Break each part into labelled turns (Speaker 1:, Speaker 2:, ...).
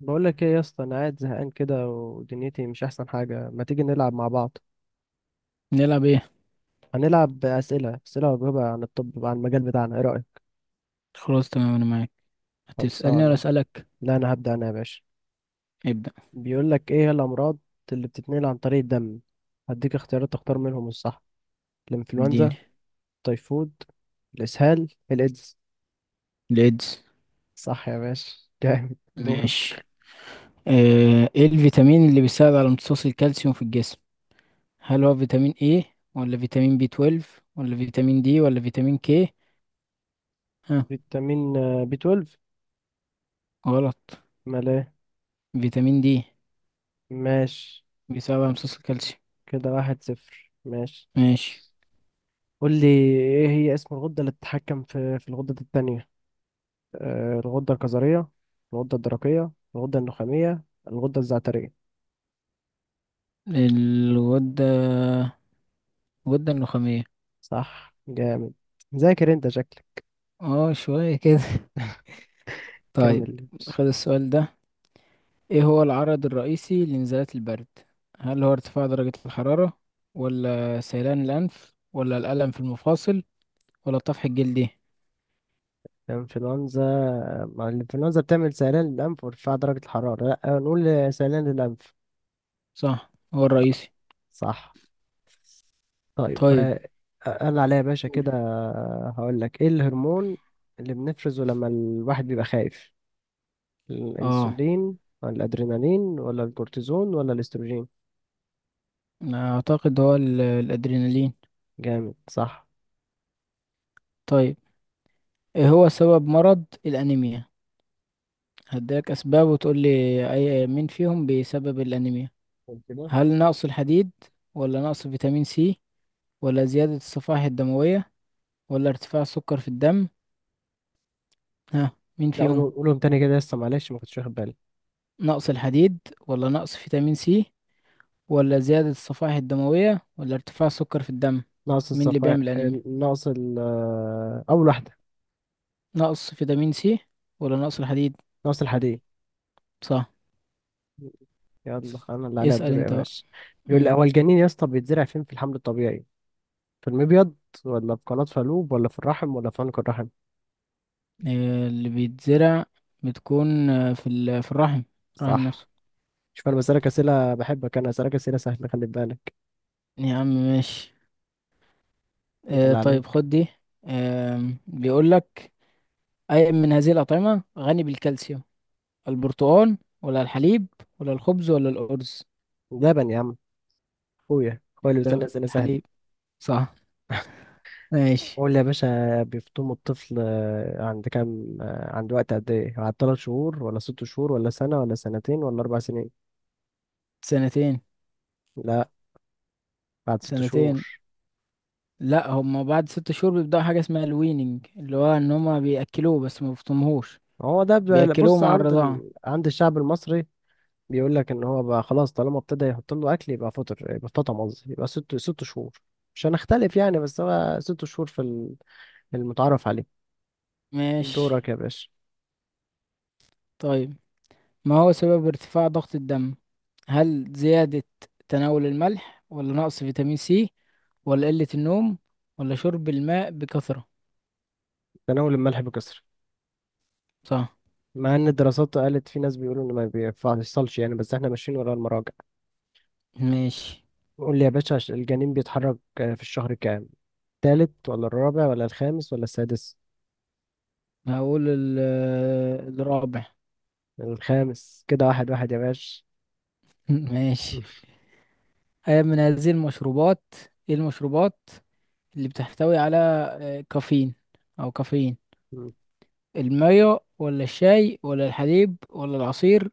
Speaker 1: بقول لك ايه يا اسطى، انا قاعد زهقان كده ودنيتي مش احسن حاجه، ما تيجي نلعب مع بعض؟
Speaker 2: نلعب ايه؟
Speaker 1: هنلعب اسئله اسئله واجوبه عن الطب، عن المجال بتاعنا، ايه رايك؟
Speaker 2: خلاص، تمام، انا معاك. هتسألني ولا
Speaker 1: خلصانه.
Speaker 2: اسألك؟
Speaker 1: لا انا هبدا انا يا باشا.
Speaker 2: ابدأ.
Speaker 1: بيقول لك، ايه هي الامراض اللي بتتنقل عن طريق الدم؟ هديك اختيارات تختار منهم الصح. الانفلونزا،
Speaker 2: اديني.
Speaker 1: التيفود، الاسهال، الايدز؟
Speaker 2: ليدز.
Speaker 1: صح يا باشا. جامد. دوره.
Speaker 2: ماشي. ايه الفيتامين اللي بيساعد على امتصاص الكالسيوم في الجسم؟ هل هو فيتامين ايه، ولا فيتامين بي 12، ولا فيتامين دي، ولا فيتامين كي؟ ها؟
Speaker 1: فيتامين بي 12.
Speaker 2: غلط.
Speaker 1: مال ايه؟
Speaker 2: فيتامين دي
Speaker 1: ماشي.
Speaker 2: بيساعد على
Speaker 1: ماشي.
Speaker 2: امتصاص الكالسيوم.
Speaker 1: كده 1-0. ماشي.
Speaker 2: ماشي.
Speaker 1: قول لي، ايه هي اسم الغدة اللي بتتحكم في الغدة التانية؟ الغدة الكظرية، الغدة الدرقية، الغدة النخامية، الغدة الزعترية؟
Speaker 2: الغدة الغدة النخامية.
Speaker 1: صح. جامد. ذاكر انت شكلك.
Speaker 2: اه، شوية كده. طيب.
Speaker 1: كمل.
Speaker 2: خد السؤال ده. ايه هو العرض الرئيسي لنزلات البرد؟ هل هو ارتفاع درجة الحرارة، ولا سيلان الأنف، ولا الألم في المفاصل، ولا الطفح الجلدي؟
Speaker 1: الانفلونزا، مع الانفلونزا بتعمل سيلان للأنف وارتفاع درجة الحرارة، لا نقول سيلان للأنف.
Speaker 2: صح هو الرئيسي.
Speaker 1: صح. طيب.
Speaker 2: طيب.
Speaker 1: انا عليا يا باشا
Speaker 2: قول.
Speaker 1: كده، هقول لك ايه الهرمون اللي بنفرزه لما الواحد بيبقى خايف؟
Speaker 2: اه،
Speaker 1: الانسولين، ولا الادرينالين، ولا الكورتيزون، ولا الاستروجين؟
Speaker 2: أنا اعتقد هو الادرينالين.
Speaker 1: جامد. صح.
Speaker 2: طيب. ايه هو سبب مرض الانيميا؟ هديلك اسباب وتقول لي اي مين فيهم بيسبب الانيميا.
Speaker 1: قول كده.
Speaker 2: هل نقص الحديد، ولا نقص فيتامين سي، ولا زيادة الصفائح الدموية، ولا ارتفاع السكر في الدم؟ ها؟ مين
Speaker 1: لا،
Speaker 2: فيهم؟
Speaker 1: قولهم قولهم تاني كده، لسه معلش ما كنتش واخد بالي.
Speaker 2: نقص الحديد، ولا نقص فيتامين سي، ولا زيادة الصفائح الدموية، ولا ارتفاع السكر في الدم؟
Speaker 1: ناقص
Speaker 2: مين اللي
Speaker 1: الصفا.
Speaker 2: بيعمل أنيميا؟
Speaker 1: ناقص ال-، اول واحده.
Speaker 2: نقص فيتامين سي، ولا نقص الحديد؟
Speaker 1: ناقص الحديد.
Speaker 2: صح.
Speaker 1: يلا، انا اللي عليا
Speaker 2: اسأل
Speaker 1: الدور يا
Speaker 2: انت بقى.
Speaker 1: باشا. بيقول لي،
Speaker 2: مم.
Speaker 1: هو الجنين يا اسطى بيتزرع فين في الحمل الطبيعي؟ في المبيض، ولا في قناة فالوب، ولا في الرحم، ولا في عنق الرحم؟
Speaker 2: اللي بيتزرع بتكون في في الرحم. الرحم
Speaker 1: صح.
Speaker 2: نفسه.
Speaker 1: شوف، انا بسألك اسئله، بحبك انا اسألك اسئله سهله، خلي بالك.
Speaker 2: يا عم ماشي.
Speaker 1: انت اللي
Speaker 2: طيب
Speaker 1: عليك.
Speaker 2: خد دي. بيقولك أي من هذه الأطعمة غني بالكالسيوم؟ البرتقال، ولا الحليب، ولا الخبز، ولا الأرز؟
Speaker 1: لبن يا عم. اخويا اخويا اللي بيسألني اسئله سهله.
Speaker 2: الحليب. صح. ماشي.
Speaker 1: قول لي يا باشا، بيفطموا الطفل عند كام، عند وقت قد ايه؟ بعد 3 شهور، ولا 6 شهور، ولا سنة، ولا سنتين، ولا 4 سنين؟
Speaker 2: سنتين.
Speaker 1: لا، بعد 6 شهور.
Speaker 2: سنتين. لا، هم بعد ست شهور بيبدأوا حاجة اسمها الويننج، اللي هو ان هما بيأكلوه بس ما بيفطموهوش.
Speaker 1: هو ده
Speaker 2: بيأكلوه
Speaker 1: بص،
Speaker 2: مع
Speaker 1: عند
Speaker 2: الرضاعة.
Speaker 1: عند الشعب المصري، بيقول لك ان هو بقى خلاص طالما ابتدى يحط له اكل يبقى فطر، يبقى فطم، قصدي يبقى ست شهور. مش هنختلف يعني، بس هو 6 شهور في المتعارف عليه.
Speaker 2: ماشي.
Speaker 1: دورك يا باشا.
Speaker 2: طيب. ما هو سبب ارتفاع ضغط الدم؟ هل زيادة تناول الملح، ولا نقص فيتامين سي، ولا قلة النوم، ولا شرب الماء بكثرة؟
Speaker 1: تناول الملح بكثرة.
Speaker 2: صح.
Speaker 1: مع ان الدراسات قالت في ناس بيقولوا ان ما بيفصلش يعني، بس احنا ماشيين ورا المراجع.
Speaker 2: ماشي.
Speaker 1: قول لي يا باشا، الجنين بيتحرك في الشهر كام؟ التالت، ولا الرابع، ولا الخامس، ولا السادس؟
Speaker 2: هقول الرابع.
Speaker 1: الخامس. كده 1-1 يا باشا.
Speaker 2: ماشي. أي من هذه المشروبات؟ ايه المشروبات اللي بتحتوي على كافيين أو كافيين؟ المية، ولا الشاي، ولا الحليب، ولا العصير؟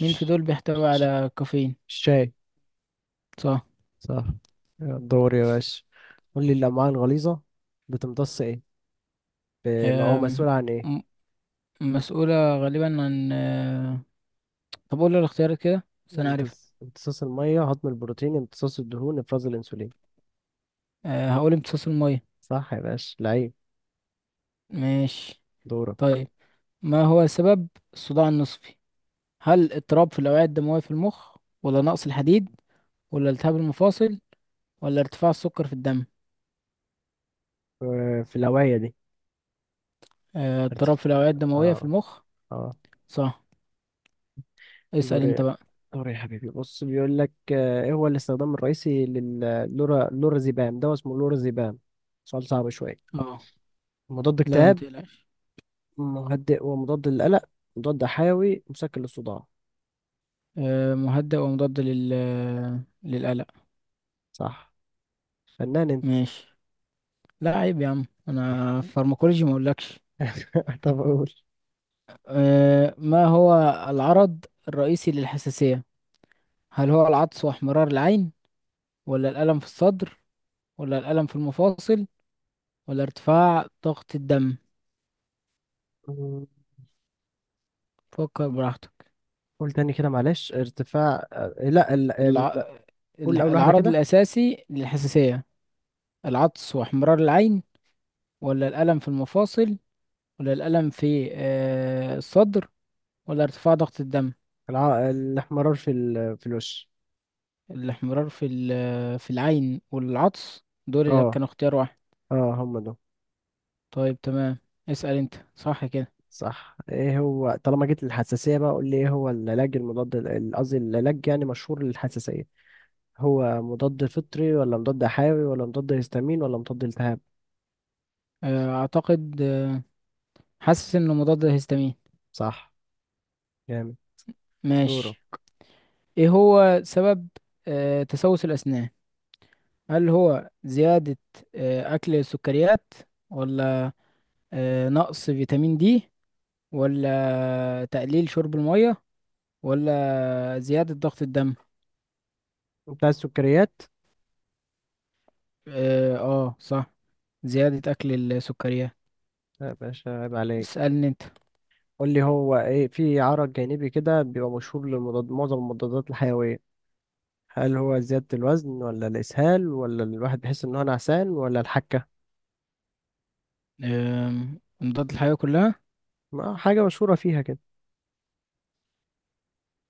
Speaker 2: مين في دول بيحتوي
Speaker 1: الش-
Speaker 2: على كافيين؟
Speaker 1: الشاي.
Speaker 2: صح.
Speaker 1: صح. الدور يا باشا. قول لي، الأمعاء الغليظة بتمتص ايه، أو
Speaker 2: أم،
Speaker 1: مسؤول عن ايه؟
Speaker 2: م- مسؤولة غالبا عن طب قول لي الاختيارات كده بس انا عارف.
Speaker 1: امتصاص المية، هضم البروتين، امتصاص الدهون، افراز الأنسولين؟
Speaker 2: هقول امتصاص المية.
Speaker 1: صح يا باشا. لعيب.
Speaker 2: ماشي.
Speaker 1: دورك.
Speaker 2: طيب. ما هو سبب الصداع النصفي؟ هل اضطراب في الأوعية الدموية في المخ، ولا نقص الحديد، ولا التهاب المفاصل، ولا ارتفاع السكر في الدم؟
Speaker 1: في الهواية دي.
Speaker 2: اضطراب
Speaker 1: ارتف...
Speaker 2: في الأوعية الدموية في
Speaker 1: اه.
Speaker 2: المخ.
Speaker 1: اه.
Speaker 2: صح. اسأل
Speaker 1: دوري،
Speaker 2: انت بقى.
Speaker 1: دوري يا حبيبي. بص، بيقول لك، ايه هو الاستخدام الرئيسي للورازيبام. ده اسمه لورازيبام. سؤال صعب شوية.
Speaker 2: اه.
Speaker 1: مضاد
Speaker 2: لا،
Speaker 1: اكتئاب،
Speaker 2: متقلقش.
Speaker 1: مهدئ ومضاد للقلق، مضاد حيوي، مسكن للصداع؟
Speaker 2: مهدئ ومضاد للقلق.
Speaker 1: صح. فنان انت.
Speaker 2: ماشي. لا عيب يا عم انا فارماكولوجي ما اقولكش.
Speaker 1: طب قول.
Speaker 2: ما هو العرض الرئيسي للحساسية؟ هل هو العطس واحمرار العين، ولا الألم في الصدر، ولا الألم في المفاصل، ولا ارتفاع ضغط الدم؟ فكر براحتك.
Speaker 1: قول تاني كده، معلش. ارتفاع لا،
Speaker 2: الع...
Speaker 1: قول اول واحدة
Speaker 2: العرض
Speaker 1: كده.
Speaker 2: الأساسي للحساسية. العطس واحمرار العين، ولا الألم في المفاصل، ولا الألم في الصدر، ولا ارتفاع ضغط الدم؟
Speaker 1: الاحمرار في الوش.
Speaker 2: الاحمرار في في العين والعطس دول اللي
Speaker 1: اه،
Speaker 2: كانوا اختيار واحد.
Speaker 1: اه هم دول.
Speaker 2: طيب تمام. اسأل انت صح كده.
Speaker 1: صح. ايه هو، طالما جيت للحساسية بقى، قول لي، ايه هو العلاج المضاد قصدي العلاج يعني مشهور للحساسية؟ هو مضاد فطري، ولا مضاد حيوي، ولا مضاد هيستامين، ولا مضاد التهاب؟
Speaker 2: اعتقد حاسس انه مضاد للهستامين.
Speaker 1: صح. جامد. دوره.
Speaker 2: ماشي. ايه هو سبب تسوس الاسنان؟ هل هو زيادة اكل السكريات، ولا نقص فيتامين دي، ولا تقليل شرب المية، ولا زيادة ضغط الدم؟
Speaker 1: انت عايز سكريات؟
Speaker 2: اه، صح زيادة اكل السكريات.
Speaker 1: يا باشا، عيب عليك.
Speaker 2: اسألني انت.
Speaker 1: قول لي، هو ايه في عرض جانبي كده بيبقى مشهور للمضاد، معظم المضادات الحيوية؟ هل هو زيادة الوزن، ولا الإسهال، ولا الواحد بيحس إن هو نعسان، ولا الحكة؟
Speaker 2: مضاد الحيوية كلها؟
Speaker 1: ما حاجة مشهورة فيها كده.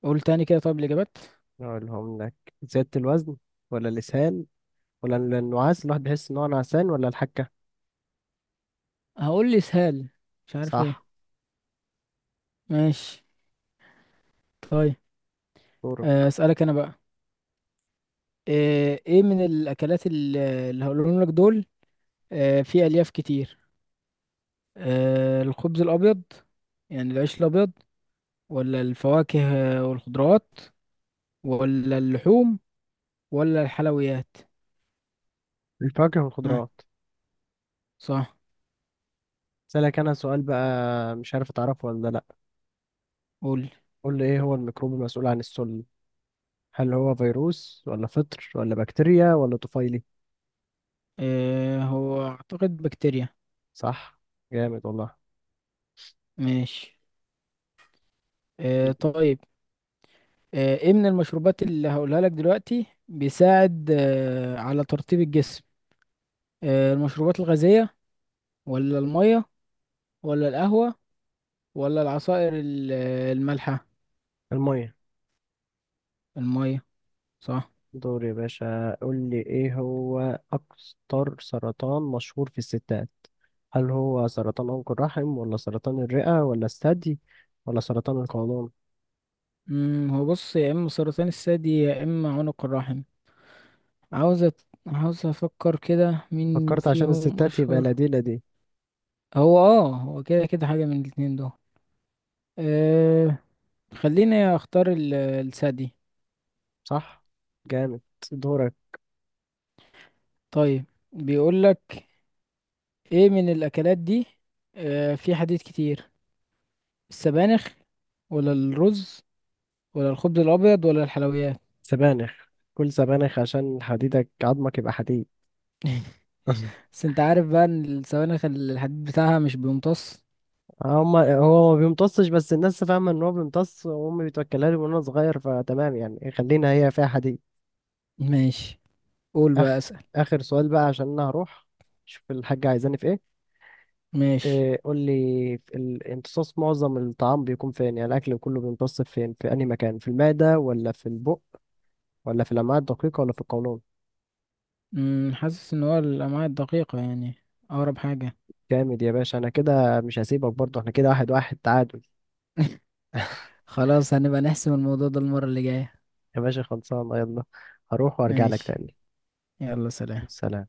Speaker 2: قول تاني كده طيب الإجابات.
Speaker 1: أقولهم لك. زيادة الوزن، ولا الإسهال، ولا النعاس، الواحد بيحس ان هو نعسان، ولا الحكة؟
Speaker 2: هقول لي اسهال مش عارف
Speaker 1: صح.
Speaker 2: ليه. ماشي. طيب.
Speaker 1: دورك.
Speaker 2: أسألك أنا بقى. إيه من الأكلات اللي هقولهم لك دول؟ فيه ألياف كتير. الخبز الأبيض يعني العيش الأبيض، ولا الفواكه والخضروات، ولا اللحوم، ولا الحلويات؟
Speaker 1: الفواكه
Speaker 2: ها؟
Speaker 1: والخضروات.
Speaker 2: صح.
Speaker 1: سألك انا سؤال بقى، مش عارف تعرفه ولا لا.
Speaker 2: قول.
Speaker 1: قول لي، ايه هو الميكروب المسؤول عن السل؟ هل هو فيروس، ولا فطر، ولا بكتيريا، ولا طفيلي؟
Speaker 2: هو أعتقد بكتيريا.
Speaker 1: صح. جامد والله.
Speaker 2: ماشي. طيب. ايه من المشروبات اللي هقولها لك دلوقتي بيساعد على ترطيب الجسم؟ المشروبات الغازية، ولا المية، ولا القهوة، ولا العصائر المالحة؟
Speaker 1: المية.
Speaker 2: المية. صح.
Speaker 1: دور يا باشا. قول لي، ايه هو اكتر سرطان مشهور في الستات؟ هل هو سرطان عنق الرحم، ولا سرطان الرئة، ولا الثدي، ولا سرطان القولون؟
Speaker 2: هو بص يا اما سرطان الثدي يا اما عنق الرحم. عاوز افكر كده مين
Speaker 1: فكرت عشان
Speaker 2: فيهم
Speaker 1: الستات يبقى،
Speaker 2: اشهر.
Speaker 1: لا دي، لا دي.
Speaker 2: هو اه، هو كده كده حاجة من الاتنين دول. أه خليني اختار الثدي.
Speaker 1: صح. جامد. دورك.
Speaker 2: طيب. بيقول لك ايه من الاكلات دي في حديد كتير؟ السبانخ، ولا الرز، ولا الخبز الابيض، ولا الحلويات؟
Speaker 1: سبانخ. كل سبانخ عشان حديدك، عظمك يبقى حديد.
Speaker 2: بس انت عارف بقى ان السبانخ الحديد بتاعها مش بيمتص.
Speaker 1: هما هو ما بيمتصش، بس الناس فاهمة ان هو بيمتص، وامي بتوكلها لي وانا صغير، فتمام يعني، خلينا هي فيها حديد.
Speaker 2: ماشي. قول بقى
Speaker 1: اخ
Speaker 2: اسأل.
Speaker 1: اخر سؤال بقى عشان انا هروح، شوف الحاجة عايزاني في ايه.
Speaker 2: ماشي.
Speaker 1: إيه، قول لي. في الامتصاص معظم الطعام بيكون فين؟ يعني الاكل كله بيمتص فين، في انهي مكان؟ في المعدة، ولا في البق، ولا في الامعاء الدقيقة، ولا في القولون؟
Speaker 2: حاسس ان هو الامعاء الدقيقة يعني اقرب حاجة.
Speaker 1: جامد يا باشا. انا كده مش هسيبك برضه، احنا كده 1-1 تعادل.
Speaker 2: خلاص، هنبقى نحسم الموضوع ده المرة اللي جاية.
Speaker 1: يا باشا، خلصان. يلا، هروح وارجع لك
Speaker 2: ماشي.
Speaker 1: تاني.
Speaker 2: يلا سلام.
Speaker 1: سلام.